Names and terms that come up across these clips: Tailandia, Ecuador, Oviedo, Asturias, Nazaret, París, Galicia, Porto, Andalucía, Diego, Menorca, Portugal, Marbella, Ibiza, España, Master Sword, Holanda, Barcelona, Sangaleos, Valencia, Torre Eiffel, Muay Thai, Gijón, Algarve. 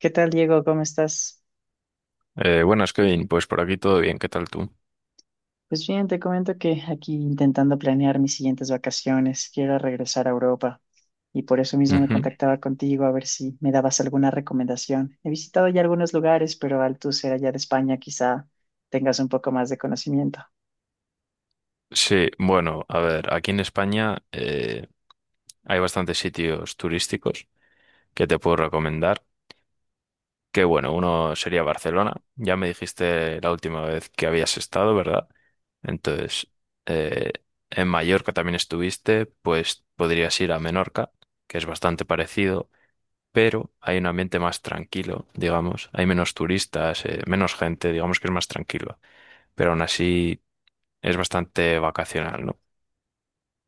¿Qué tal, Diego? ¿Cómo estás? Buenas, Kevin. Pues por aquí todo bien. ¿Qué tal tú? Pues bien, te comento que aquí intentando planear mis siguientes vacaciones, quiero regresar a Europa y por eso mismo me Ujú. contactaba contigo a ver si me dabas alguna recomendación. He visitado ya algunos lugares, pero al tú ser allá de España quizá tengas un poco más de conocimiento. Sí, bueno, a ver, aquí en España hay bastantes sitios turísticos que te puedo recomendar. Que bueno, uno sería Barcelona. Ya me dijiste la última vez que habías estado, ¿verdad? Entonces, eh, en Mallorca también estuviste, pues podrías ir a Menorca, que es bastante parecido, pero hay un ambiente más tranquilo, digamos. Hay menos turistas, menos gente, digamos que es más tranquilo. Pero aún así es bastante vacacional, ¿no?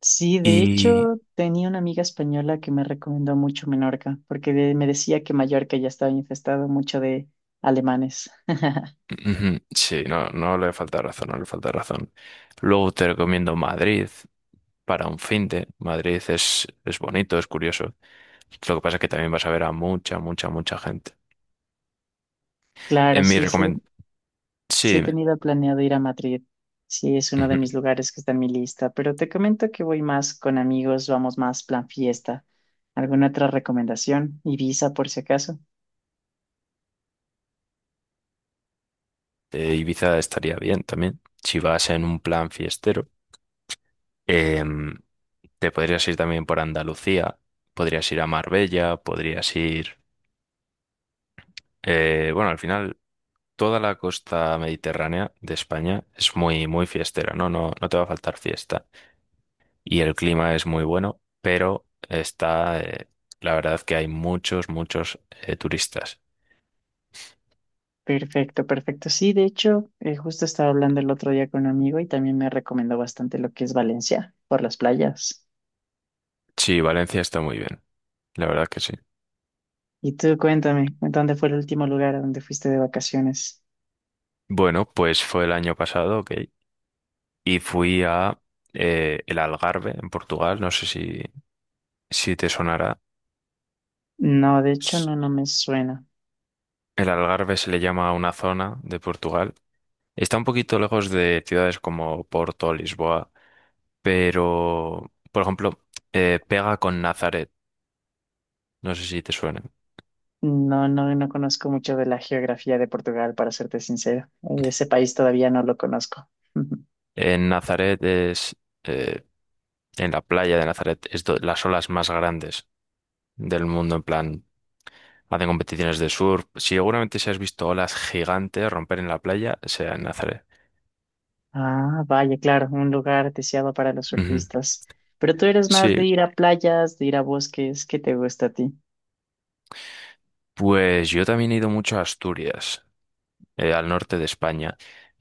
Sí, de hecho Y tenía una amiga española que me recomendó mucho Menorca, porque me decía que Mallorca ya estaba infestado mucho de alemanes. ujú, sí, no, no le falta razón, no le falta razón. Luego te recomiendo Madrid para un fin de Madrid es bonito, es curioso. Lo que pasa es que también vas a ver a mucha gente. Claro, En mi sí, sí, recomendación, sí, sí he dime. tenido planeado ir a Madrid. Sí, es uno de Ujú. mis lugares que está en mi lista, pero te comento que voy más con amigos, vamos más plan fiesta. ¿Alguna otra recomendación? Ibiza, por si acaso. Ibiza estaría bien también. Si vas en un plan fiestero, Em, te podrías ir también por Andalucía, podrías ir a Marbella, bueno, al final toda la costa mediterránea de España es muy fiestera, ¿no? No, no te va a faltar fiesta. Y el clima es muy bueno, pero está, la verdad que hay muchos turistas. Perfecto, perfecto. Sí, de hecho, justo estaba hablando el otro día con un amigo y también me recomendó bastante lo que es Valencia, por las playas. Sí, Valencia está muy bien, la verdad que sí. Y tú, cuéntame, ¿dónde fue el último lugar a donde fuiste de vacaciones? Bueno, pues fue el año pasado, ok, y fui a el Algarve, en Portugal, no sé si te sonará. No, de hecho, S- no, no me suena. El Algarve se le llama a una zona de Portugal. Está un poquito lejos de ciudades como Porto, Lisboa, pero, por ejemplo, pega con Nazaret, no sé si te suena. No, no, no conozco mucho de la geografía de Portugal, para serte sincero. Ese país todavía no lo conozco. En Nazaret eh, en la playa de Nazaret, es las olas más grandes del mundo, en plan, hacen competiciones de surf. Si seguramente si has visto olas gigantes romper en la playa, sea en Nazaret. Ah, vaya, claro, un lugar deseado para los Ujú. surfistas. Pero tú eres más Sí, de ir a playas, de ir a bosques. ¿Qué te gusta a ti? pues yo también he ido mucho a Asturias, al norte de España,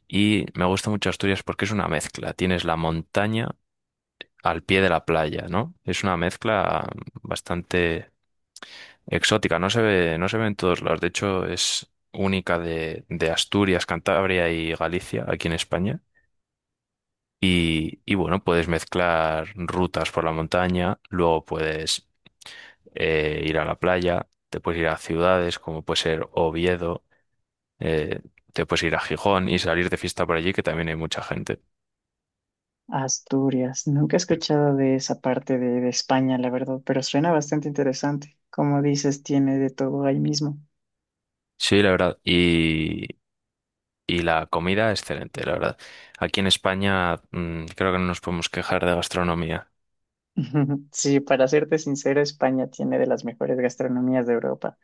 y me gusta mucho Asturias porque es una mezcla. Tienes la montaña al pie de la playa, ¿no? Es una mezcla bastante exótica, no se ve, no se ve en todos lados. De hecho, es única de Asturias, Cantabria y Galicia, aquí en España. Y bueno, puedes mezclar rutas por la montaña, luego puedes ir a la playa, te puedes ir a ciudades como puede ser Oviedo, eh, te puedes ir a Gijón y salir de fiesta por allí, que también hay mucha gente. Asturias. Nunca he escuchado de esa parte de España, la verdad, pero suena bastante interesante. Como dices, tiene de todo ahí mismo. Sí, la verdad. Y la comida, excelente, la verdad. Aquí en España, creo que no nos podemos quejar de gastronomía. Sí, para serte sincero, España tiene de las mejores gastronomías de Europa.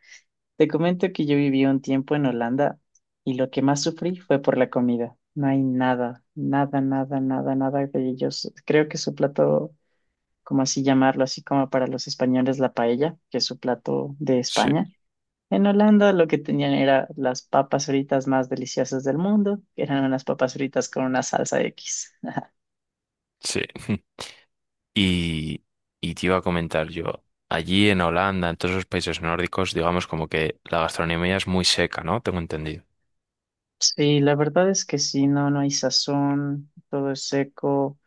Te comento que yo viví un tiempo en Holanda y lo que más sufrí fue por la comida. No hay nada, nada, nada, nada, nada de ellos. Creo que su plato, como así llamarlo, así como para los españoles la paella, que es su plato de Sí, España. En Holanda lo que tenían era las papas fritas más deliciosas del mundo, que eran unas papas fritas con una salsa X. sí. Y, y te iba a comentar yo, allí en Holanda, en todos los países nórdicos, digamos como que la gastronomía es muy seca, ¿no? Tengo entendido. Sí, la verdad es que sí, no, no hay sazón, todo es seco.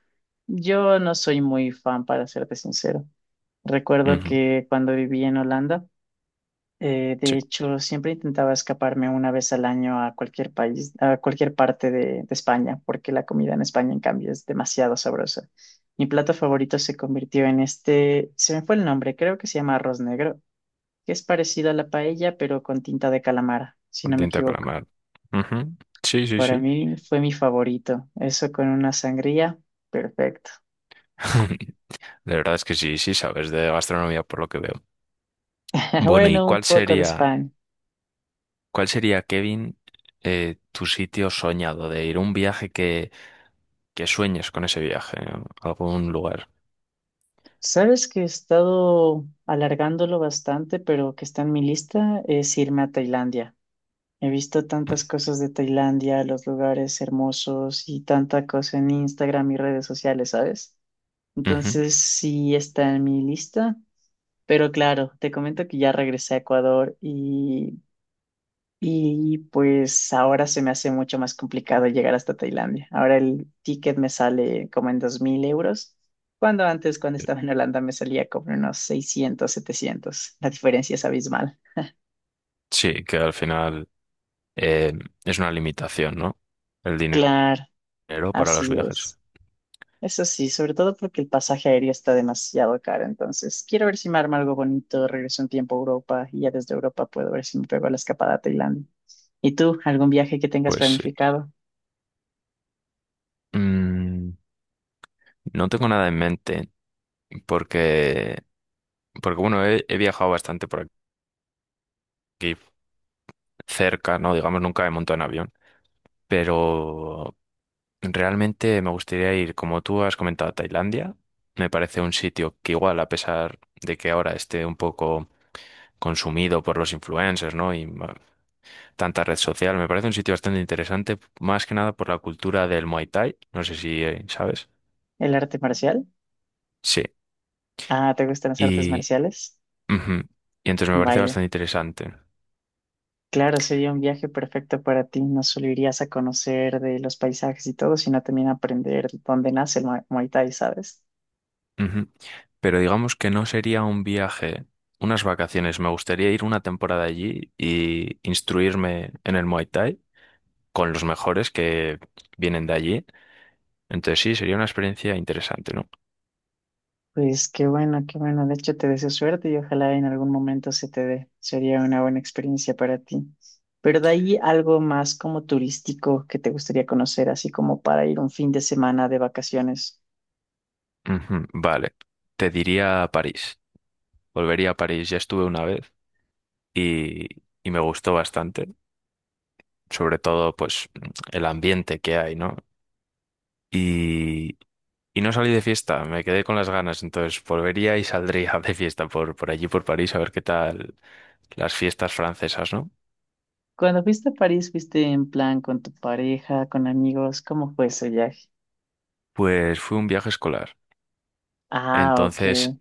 Yo no soy muy fan, para serte sincero. Recuerdo Ujú, que cuando viví en Holanda, sí, de hecho, siempre intentaba escaparme una vez al año a cualquier país, a cualquier parte de España, porque la comida en España, en cambio, es demasiado sabrosa. Mi plato favorito se convirtió en este, se me fue el nombre, creo que se llama arroz negro, que es parecido a la paella, pero con tinta de calamar, si con no me tinta de equivoco. calamar. Ujú, sí, sí, Para sí. mí fue mi favorito. Eso con una sangría, perfecto. De verdad es que sí, sí sabes de gastronomía por lo que veo. Bueno, ¿y Bueno, un cuál poco de España. cuál sería, Kevin, tu sitio soñado de ir? Un viaje que sueñes con ese viaje, ¿no? Algún lugar. Sabes que he estado alargándolo bastante, pero que está en mi lista es irme a Tailandia. He visto tantas cosas de Tailandia, los lugares hermosos y tanta cosa en Instagram y redes sociales, ¿sabes? Ujú. Entonces sí está en mi lista, pero claro, te comento que ya regresé a Ecuador y pues ahora se me hace mucho más complicado llegar hasta Tailandia. Ahora el ticket me sale como en 2.000 euros, cuando antes, cuando estaba en Holanda, me salía como en unos 600-700. La diferencia es abismal. Sí, que al final eh, es una limitación, ¿no? El dinero. Claro, ¿Dinero para los así viajes? es. Eso sí, sobre todo porque el pasaje aéreo está demasiado caro. Entonces, quiero ver si me arma algo bonito, regreso un tiempo a Europa y ya desde Europa puedo ver si me pego la escapada a Tailandia. ¿Y tú, algún viaje que tengas Pues planificado? mm, no tengo nada en mente porque, porque bueno, he viajado bastante por aquí cerca, ¿no? Digamos, nunca he montado en avión, pero realmente me gustaría ir, como tú has comentado, a Tailandia. Me parece un sitio que igual, a pesar de que ahora esté un poco consumido por los influencers, ¿no? Y tanta red social, me parece un sitio bastante interesante, más que nada por la cultura del Muay Thai. No sé si sabes. ¿El arte marcial? Ah, ¿te gustan las artes Sí. marciales? Ujú. Y entonces me parece Vaya, bastante interesante. claro, sería un viaje perfecto para ti. No solo irías a conocer de los paisajes y todo, sino también aprender dónde nace el Muay Thai, ¿sabes? Ujú. Pero digamos que no sería un viaje, unas vacaciones. Me gustaría ir una temporada allí y instruirme en el Muay Thai con los mejores que vienen de allí. Entonces sí, sería una experiencia interesante, ¿no? Pues qué bueno, qué bueno. De hecho, te deseo suerte y ojalá en algún momento se te dé. Sería una buena experiencia para ti. Pero de ahí algo más como turístico que te gustaría conocer, así como para ir un fin de semana de vacaciones. Ujú. Vale, te diría París. Volvería a París, ya estuve una vez y, y me gustó bastante, sobre todo pues el ambiente que hay, ¿no? y Y no salí de fiesta, me quedé con las ganas, entonces volvería y saldría de fiesta por allí, por París, a ver qué tal las fiestas francesas, ¿no? Cuando fuiste a París, ¿fuiste en plan con tu pareja, con amigos? ¿Cómo fue ese viaje? Pues fue un viaje escolar, Ah, ok, entonces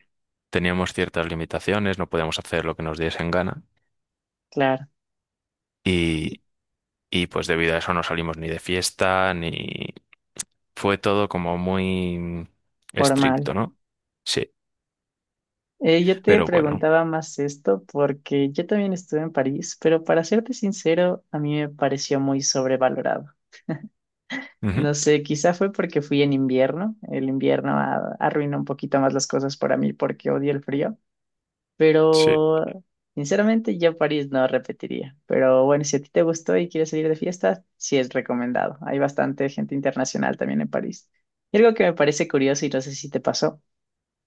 teníamos ciertas limitaciones, no podíamos hacer lo que nos diesen gana claro, y, y pues debido a eso no salimos ni de fiesta, ni... Fue todo como muy formal. estricto, ¿no? Sí, Yo te pero bueno, preguntaba más esto porque yo también estuve en París, pero para serte sincero, a mí me pareció muy sobrevalorado. ujú, No sé, quizá fue porque fui en invierno. El invierno arruinó un poquito más las cosas para mí porque odio el frío, sí, pero sinceramente yo París no repetiría. Pero bueno, si a ti te gustó y quieres salir de fiesta, sí es recomendado. Hay bastante gente internacional también en París. Y algo que me parece curioso y no sé si te pasó.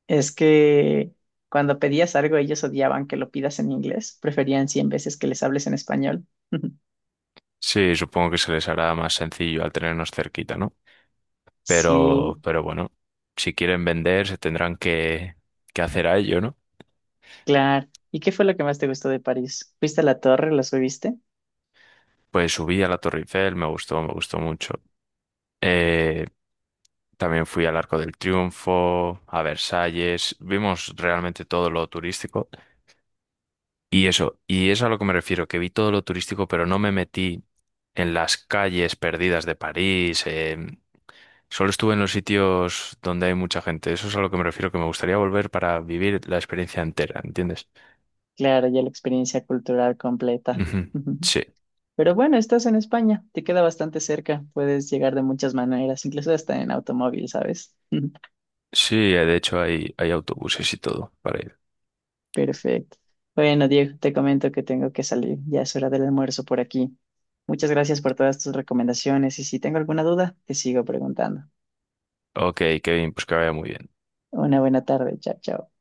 Es que cuando pedías algo, ellos odiaban que lo pidas en inglés. Preferían 100 veces que les hables en español. sí, supongo que se les hará más sencillo al tenernos cerquita, ¿no? Sí, Pero bueno, si quieren vender, se tendrán que hacer a ello, ¿no? claro. ¿Y qué fue lo que más te gustó de París? ¿Fuiste a la torre? ¿Lo subiste? Pues subí a la Torre Eiffel, me gustó mucho. Eh, también fui al Arco del Triunfo, a Versalles, vimos realmente todo lo turístico. Y eso, y es a lo que me refiero, que vi todo lo turístico, pero no me metí en las calles perdidas de París. Solo estuve en los sitios donde hay mucha gente. Eso es a lo que me refiero, que me gustaría volver para vivir la experiencia entera, ¿entiendes? Claro, ya la experiencia cultural completa. Ujú, Ujú. sí. Pero bueno, estás en España, te queda bastante cerca, puedes llegar de muchas maneras, incluso hasta en automóvil, ¿sabes? Sí, de hecho hay autobuses y todo para ir. Perfecto. Bueno, Diego, te comento que tengo que salir. Ya es hora del almuerzo por aquí. Muchas gracias por todas tus recomendaciones y si tengo alguna duda, te sigo preguntando. Ok, Kevin, pues que vaya muy bien. Una buena tarde. Chao, chao.